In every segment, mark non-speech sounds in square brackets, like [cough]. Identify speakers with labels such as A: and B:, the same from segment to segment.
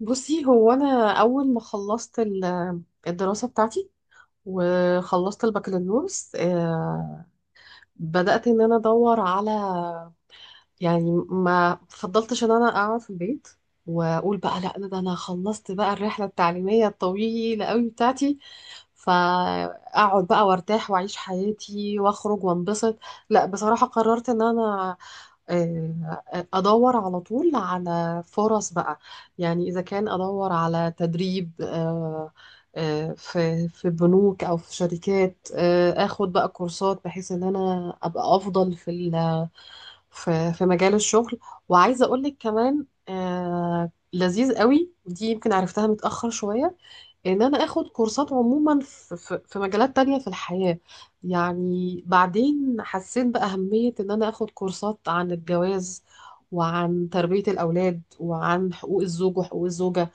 A: بصي هو انا اول ما خلصت الدراسه بتاعتي وخلصت البكالوريوس بدات ان انا ادور على، يعني ما فضلتش ان انا اقعد في البيت واقول بقى لا ده انا خلصت بقى الرحله التعليميه الطويله قوي بتاعتي، فاقعد بقى وارتاح واعيش حياتي واخرج وانبسط. لا، بصراحه قررت ان انا آه، ادور على طول على فرص بقى، يعني اذا كان ادور على تدريب، في بنوك او في شركات، اخد بقى كورسات بحيث ان انا ابقى افضل في في في مجال الشغل. وعايزه اقول لك كمان، لذيذ قوي دي، يمكن عرفتها متاخر شويه، ان انا اخد كورسات عموما في مجالات تانية في الحياة. يعني بعدين حسيت بأهمية ان انا اخد كورسات عن الجواز وعن تربية الاولاد وعن حقوق الزوج وحقوق الزوجة.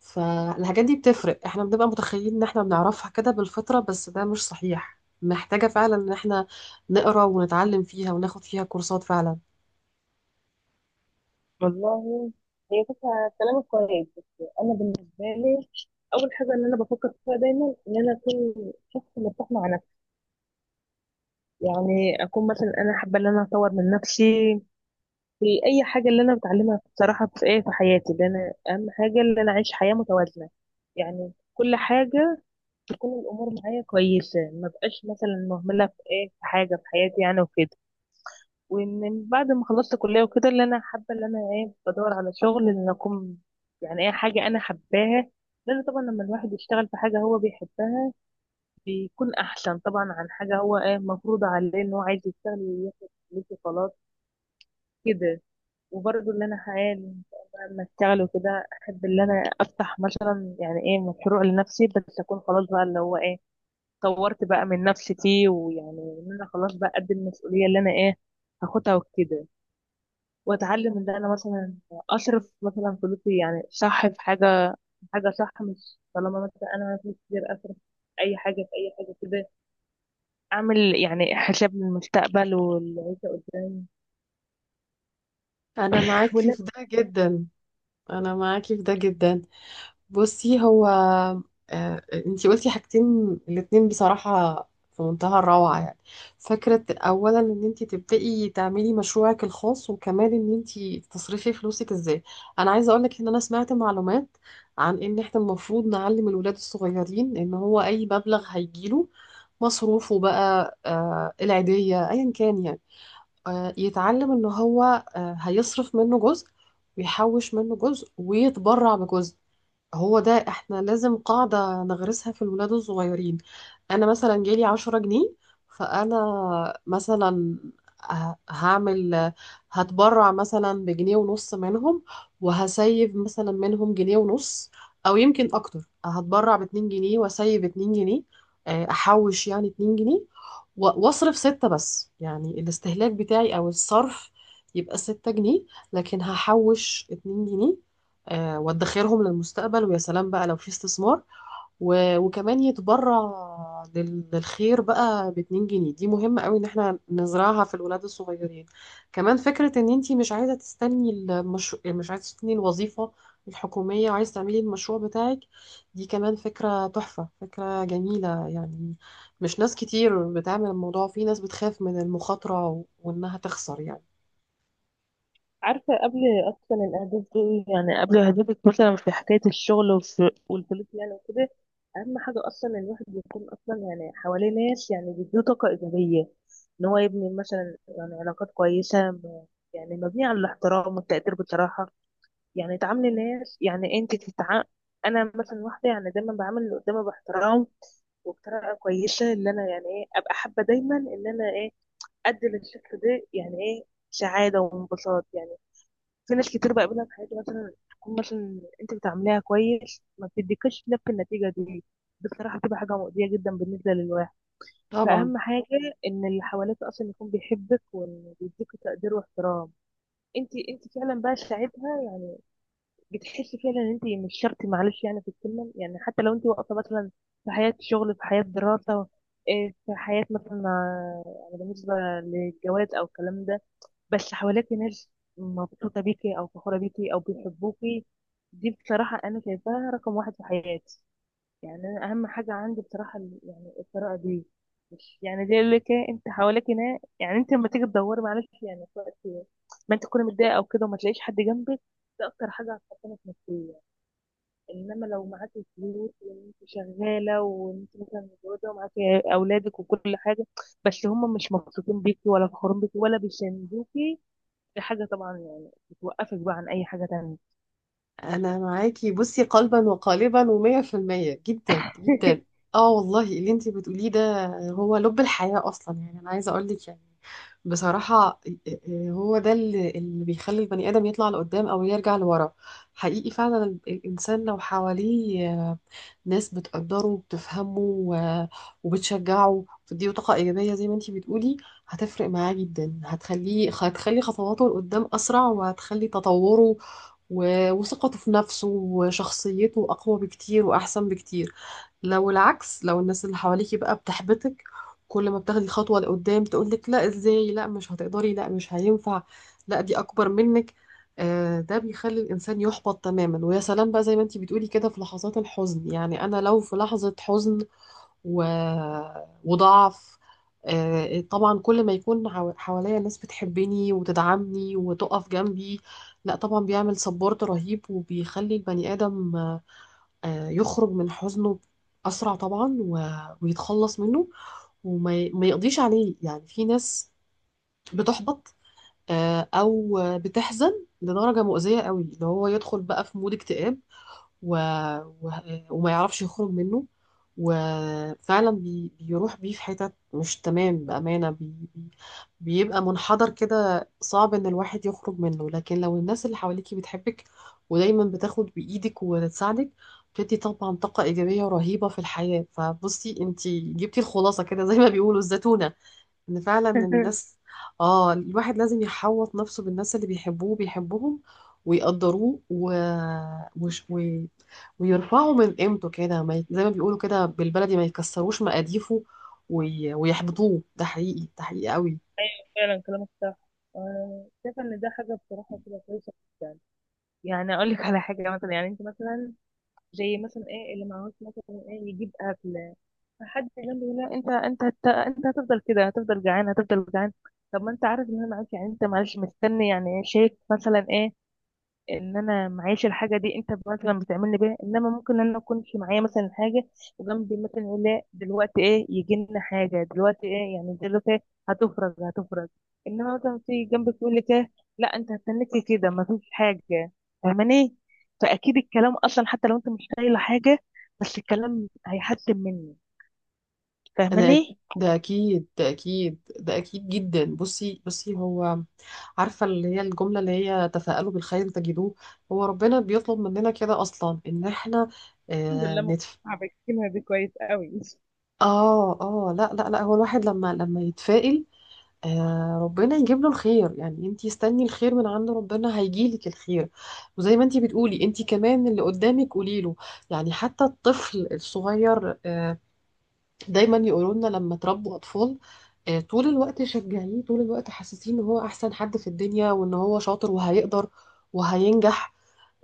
A: فالحاجات دي بتفرق، احنا بنبقى متخيلين ان احنا بنعرفها كده بالفطرة، بس ده مش صحيح، محتاجة فعلا ان احنا نقرا ونتعلم فيها وناخد فيها كورسات فعلا.
B: والله، هي فكرة. كلامك كويس بس أنا بالنسبة لي أول حاجة إن أنا بفكر فيها دايما إن أنا أكون شخص مرتاح مع نفسي. يعني أكون مثلا أنا حابة إن أنا أطور من نفسي في أي حاجة اللي أنا بتعلمها، بصراحة في إيه في حياتي اللي أنا أهم حاجة، إن أنا أعيش حياة متوازنة. يعني كل حاجة تكون الأمور معايا كويسة، ما بقاش مثلا مهملة في إيه في حاجة في حياتي يعني وكده. وان بعد ما خلصت كليه وكده، اللي انا حابه اللي انا ايه بدور على شغل ان اكون يعني ايه حاجه انا حباها. لان طبعا لما الواحد يشتغل في حاجه هو بيحبها بيكون احسن، طبعا عن حاجه هو ايه مفروض عليه ان هو عايز يشتغل وياخد فلوس وخلاص كده. وبرضه اللي انا حالي لما اشتغل وكده احب اللي انا افتح مثلا يعني ايه مشروع لنفسي، بس اكون خلاص بقى اللي هو ايه طورت بقى من نفسي فيه، ويعني ان انا خلاص بقى قد المسؤوليه اللي انا ايه هاخدها وكده. واتعلم ان انا مثلا اصرف مثلا فلوسي يعني صح في حاجه، حاجه صح، مش طالما مثلا انا فلوس كتير اصرف اي حاجه في اي حاجه كده. اعمل يعني حساب للمستقبل والعيشه قدام.
A: انا معاكي
B: ولا؟
A: في ده جدا. انا معاكي في ده جدا. بصي هو، انتي قلتي حاجتين، الاتنين بصراحة في منتهى الروعة يعني. فكرة اولا ان انتي تبدأي تعملي مشروعك الخاص، وكمان ان انتي تصرفي فلوسك ازاي. انا عايزة اقولك ان انا سمعت معلومات عن ان احنا المفروض نعلم الولاد الصغيرين ان هو اي مبلغ هيجيله، مصروفه بقى، العيدية، ايا كان يعني، يتعلم ان هو هيصرف منه جزء ويحوش منه جزء ويتبرع بجزء. هو ده احنا لازم قاعدة نغرسها في الولاد الصغيرين. انا مثلا جالي 10 جنيه، فانا مثلا هعمل، هتبرع مثلا بجنيه ونص منهم وهسيب مثلا منهم جنيه ونص، او يمكن اكتر هتبرع باتنين جنيه واسيب اتنين جنيه، احوش يعني اتنين جنيه واصرف 6. بس يعني الاستهلاك بتاعي او الصرف يبقى 6 جنيه، لكن هحوش اتنين جنيه، وادخرهم للمستقبل، ويا سلام بقى لو في استثمار، وكمان يتبرع للخير بقى باتنين جنيه. دي مهمة قوي ان احنا نزرعها في الولاد الصغيرين. كمان فكرة ان انتي مش عايزة تستني المشروع، مش عايزة تستني الوظيفة الحكومية وعايزة تعملي المشروع بتاعك، دي كمان فكرة تحفة، فكرة جميلة يعني. مش ناس كتير بتعمل الموضوع، في ناس بتخاف من المخاطرة وانها تخسر يعني.
B: عارفه قبل اصلا الاهداف دي، يعني قبل اهدافك مثلا في حكايه الشغل، والفلوس يعني وكده. اهم حاجه اصلا إن الواحد يكون اصلا يعني حواليه ناس يعني بيديه طاقه ايجابيه. ان هو يبني مثلا يعني علاقات كويسه يعني مبنيه على الاحترام والتقدير بصراحه. يعني تعاملي الناس، يعني انت انا مثلا واحده يعني دايما بعامل اللي قدامي باحترام وبطريقه كويسه. اللي انا يعني ايه ابقى حابه دايما ان انا ايه ادي للشخص ده يعني ايه سعاده وانبساط يعني. في ناس كتير بقابلها في حياتي مثلا تكون مثلا انت بتعامليها كويس ما بتديكش نفس النتيجه دي، بصراحه بتبقى حاجه مؤذيه جدا بالنسبه للواحد.
A: طبعا.
B: فاهم حاجه ان اللي حواليك اصلا يكون بيحبك وان بيديك تقدير واحترام، انت فعلا بقى ساعتها بتحسي فعلا ان انت مش شرط، معلش يعني في الكلمه. يعني حتى لو انت واقفه مثلا في حياه شغل، في حياه دراسه، إيه، في حياه مثلا، يعني بالنسبه للجواز او الكلام ده، بس حواليك ناس مبسوطه بيكي او فخوره بيكي او بيحبوكي، دي بصراحه انا شايفاها رقم واحد في حياتي. يعني انا اهم حاجه عندي بصراحه يعني القراءه دي. مش يعني دي اللي انت حواليك هنا، يعني انت لما تيجي تدوري معلش يعني في وقت ما انت تكوني متضايقه او كده وما تلاقيش حد جنبك، ده اكتر حاجه هتحطمك نفسيا. انما لو معاكي فلوس وانت شغاله وانت مثلا متجوزه ومعاكي اولادك وكل حاجه، بس هم مش مبسوطين بيكي ولا فخورين بيكي ولا بيساندوكي، دي حاجه طبعا يعني بتوقفك بقى عن اي حاجه تانية.
A: انا معاكي بصي قلبا وقالبا ومية في المية، جدا جدا.
B: [laughs]
A: اه والله اللي انتي بتقوليه ده هو لب الحياة اصلا، يعني انا عايزة اقولك يعني بصراحة، هو ده اللي بيخلي البني ادم يطلع لقدام او يرجع لورا. حقيقي فعلا الانسان لو حواليه ناس بتقدره وبتفهمه وبتشجعه وبتديله طاقة إيجابية زي ما انتي بتقولي، هتفرق معاه جدا، هتخلي خطواته لقدام أسرع، وهتخلي تطوره وثقته في نفسه وشخصيته أقوى بكتير وأحسن بكتير. لو العكس، لو الناس اللي حواليكي بقى بتحبطك، كل ما بتاخدي خطوة لقدام تقولك لا ازاي، لا مش هتقدري، لا مش هينفع، لا دي اكبر منك، ده بيخلي الانسان يحبط تماما. ويا سلام بقى زي ما انتي بتقولي كده في لحظات الحزن، يعني انا لو في لحظة حزن و... وضعف، طبعا كل ما يكون حواليا ناس بتحبني وتدعمني وتقف جنبي، لا طبعا بيعمل سبورت رهيب وبيخلي البني ادم، يخرج من حزنه أسرع طبعا ويتخلص منه، ما يقضيش عليه. يعني في ناس بتحبط، أو بتحزن لدرجة مؤذية قوي، اللي هو يدخل بقى في مود اكتئاب و... و... وما يعرفش يخرج منه، وفعلا بيروح بيه في حتت مش تمام، بأمانة بيبقى منحدر كده صعب إن الواحد يخرج منه. لكن لو الناس اللي حواليكي بتحبك ودايما بتاخد بإيدك وتساعدك، بتدي طبعا طاقة إيجابية رهيبة في الحياة. فبصي، انتي جبتي الخلاصة كده زي ما بيقولوا الزتونة، ان فعلا الناس، اه الواحد لازم يحوط نفسه بالناس اللي بيحبوه وبيحبهم ويقدروه وش... و... ويرفعوا من قيمته كده، ما ي... زي ما بيقولوا كده بالبلدي، ما يكسروش مقاديفه ويحبطوه. ده حقيقي، ده حقيقي قوي.
B: فعلا كلامك صح. شايفة ان ده حاجة بصراحة كده كويسة جدا. يعني اقول لك على حاجة مثلا، يعني انت مثلا زي مثلا ايه اللي معهوش مثلا ايه يجيب اكل، فحد جنبه يقول له انت انت هتفضل كده، هتفضل جعان هتفضل جعان. طب ما انت عارف ان انا معاك، يعني انت معلش مستني يعني شايف مثلا ايه ان انا معيش الحاجه دي انت مثلا بتعملني بيها. انما ممكن انا اكونش معايا مثلا حاجه وجنبي مثلا يقول لا دلوقتي ايه يجي لنا حاجه دلوقتي ايه يعني دلوقتي إيه، هتفرج هتفرج. انما مثلا في جنبك يقول لك ايه، لا انت هتستنيكي كده مفيش حاجه. فاهماني؟ فاكيد الكلام اصلا حتى لو انت مش قايله حاجه، بس الكلام هيحسن مني.
A: انا أك-
B: فاهماني؟
A: ده اكيد، ده اكيد جدا. بصي، هو، عارفه اللي هي الجمله اللي هي تفاءلوا بالخير تجدوه، هو ربنا بيطلب مننا كده اصلا ان احنا،
B: الحمد لله مقتنعة بكلمة دي كويس قوي.
A: اه لا لا لا، هو الواحد لما يتفائل، آه ربنا يجيب له الخير. يعني انتي استني الخير من عند ربنا هيجيلك الخير، وزي ما انتي بتقولي انتي كمان اللي قدامك قولي له، يعني حتى الطفل الصغير، آه دايما يقولوا لنا لما تربوا اطفال، آه طول الوقت شجعيه، طول الوقت حسسيه ان هو احسن حد في الدنيا وان هو شاطر وهيقدر وهينجح.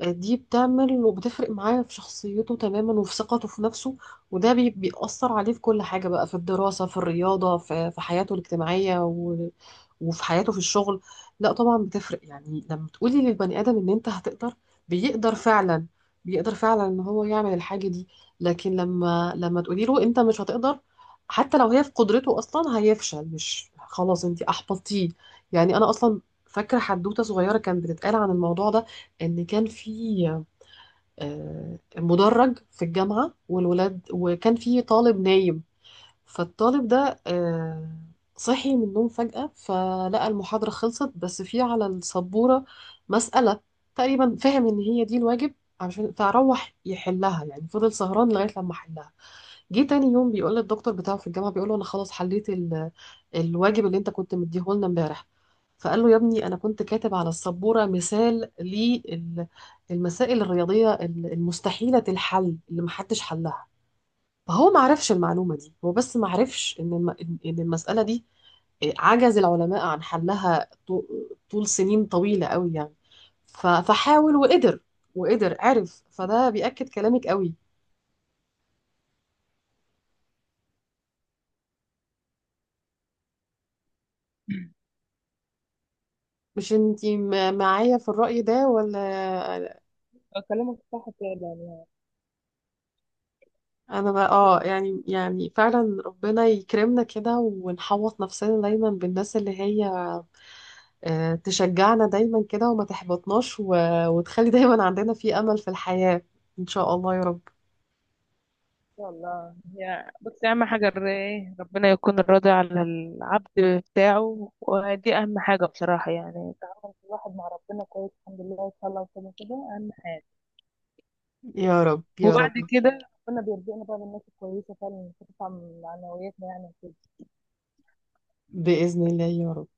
A: دي بتعمل وبتفرق معاه في شخصيته تماما وفي ثقته في نفسه، وده بيأثر عليه في كل حاجة بقى، في الدراسة، في الرياضة، في حياته الاجتماعية وفي حياته في الشغل. لا طبعا بتفرق، يعني لما تقولي للبني آدم ان انت هتقدر، بيقدر فعلا، بيقدر فعلا ان هو يعمل الحاجة دي. لكن لما تقولي له انت مش هتقدر، حتى لو هي في قدرته اصلا هيفشل، مش خلاص انت احبطتيه. يعني انا اصلا فاكرة حدوتة صغيرة كانت بتتقال عن الموضوع ده، ان كان في مدرج في الجامعه والولاد، وكان في طالب نايم، فالطالب ده صحي من النوم فجاه، فلقى المحاضره خلصت بس في على السبوره مساله، تقريبا فهم ان هي دي الواجب عشان فروح يحلها، يعني فضل سهران لغايه لما حلها. جه تاني يوم بيقول للدكتور بتاعه في الجامعه، بيقول له انا خلاص حليت الواجب اللي انت كنت مديه لنا امبارح. فقال له يا ابني انا كنت كاتب على السبوره مثال للمسائل الرياضيه المستحيله الحل اللي محدش حلها. فهو ما عرفش المعلومه دي، هو بس ما عرفش ان إن المساله دي عجز العلماء عن حلها طول سنين طويله قوي يعني. فحاول وقدر، عرف، فده بيأكد كلامك قوي. مش انتي معايا في الرأي ده ولا؟
B: كلامك صح فعلا.
A: انا بقى اه يعني، يعني فعلا ربنا يكرمنا كده ونحوط نفسنا دايما بالناس اللي هي تشجعنا دايما كده وما تحبطناش وتخلي دايما عندنا في امل في الحياة. ان شاء الله يا رب،
B: والله، هي بصي اهم حاجه الرأي ربنا يكون راضي على العبد بتاعه، ودي اهم حاجه بصراحه. يعني تعامل الواحد مع ربنا كويس الحمد لله ان شاء الله وكده كده اهم حاجه.
A: يا رب يا رب.
B: وبعد كده ربنا بيرزقنا بقى بالناس الكويسه فعلا اللي بتدفع من معنوياتنا يعني.
A: بإذن الله يا رب.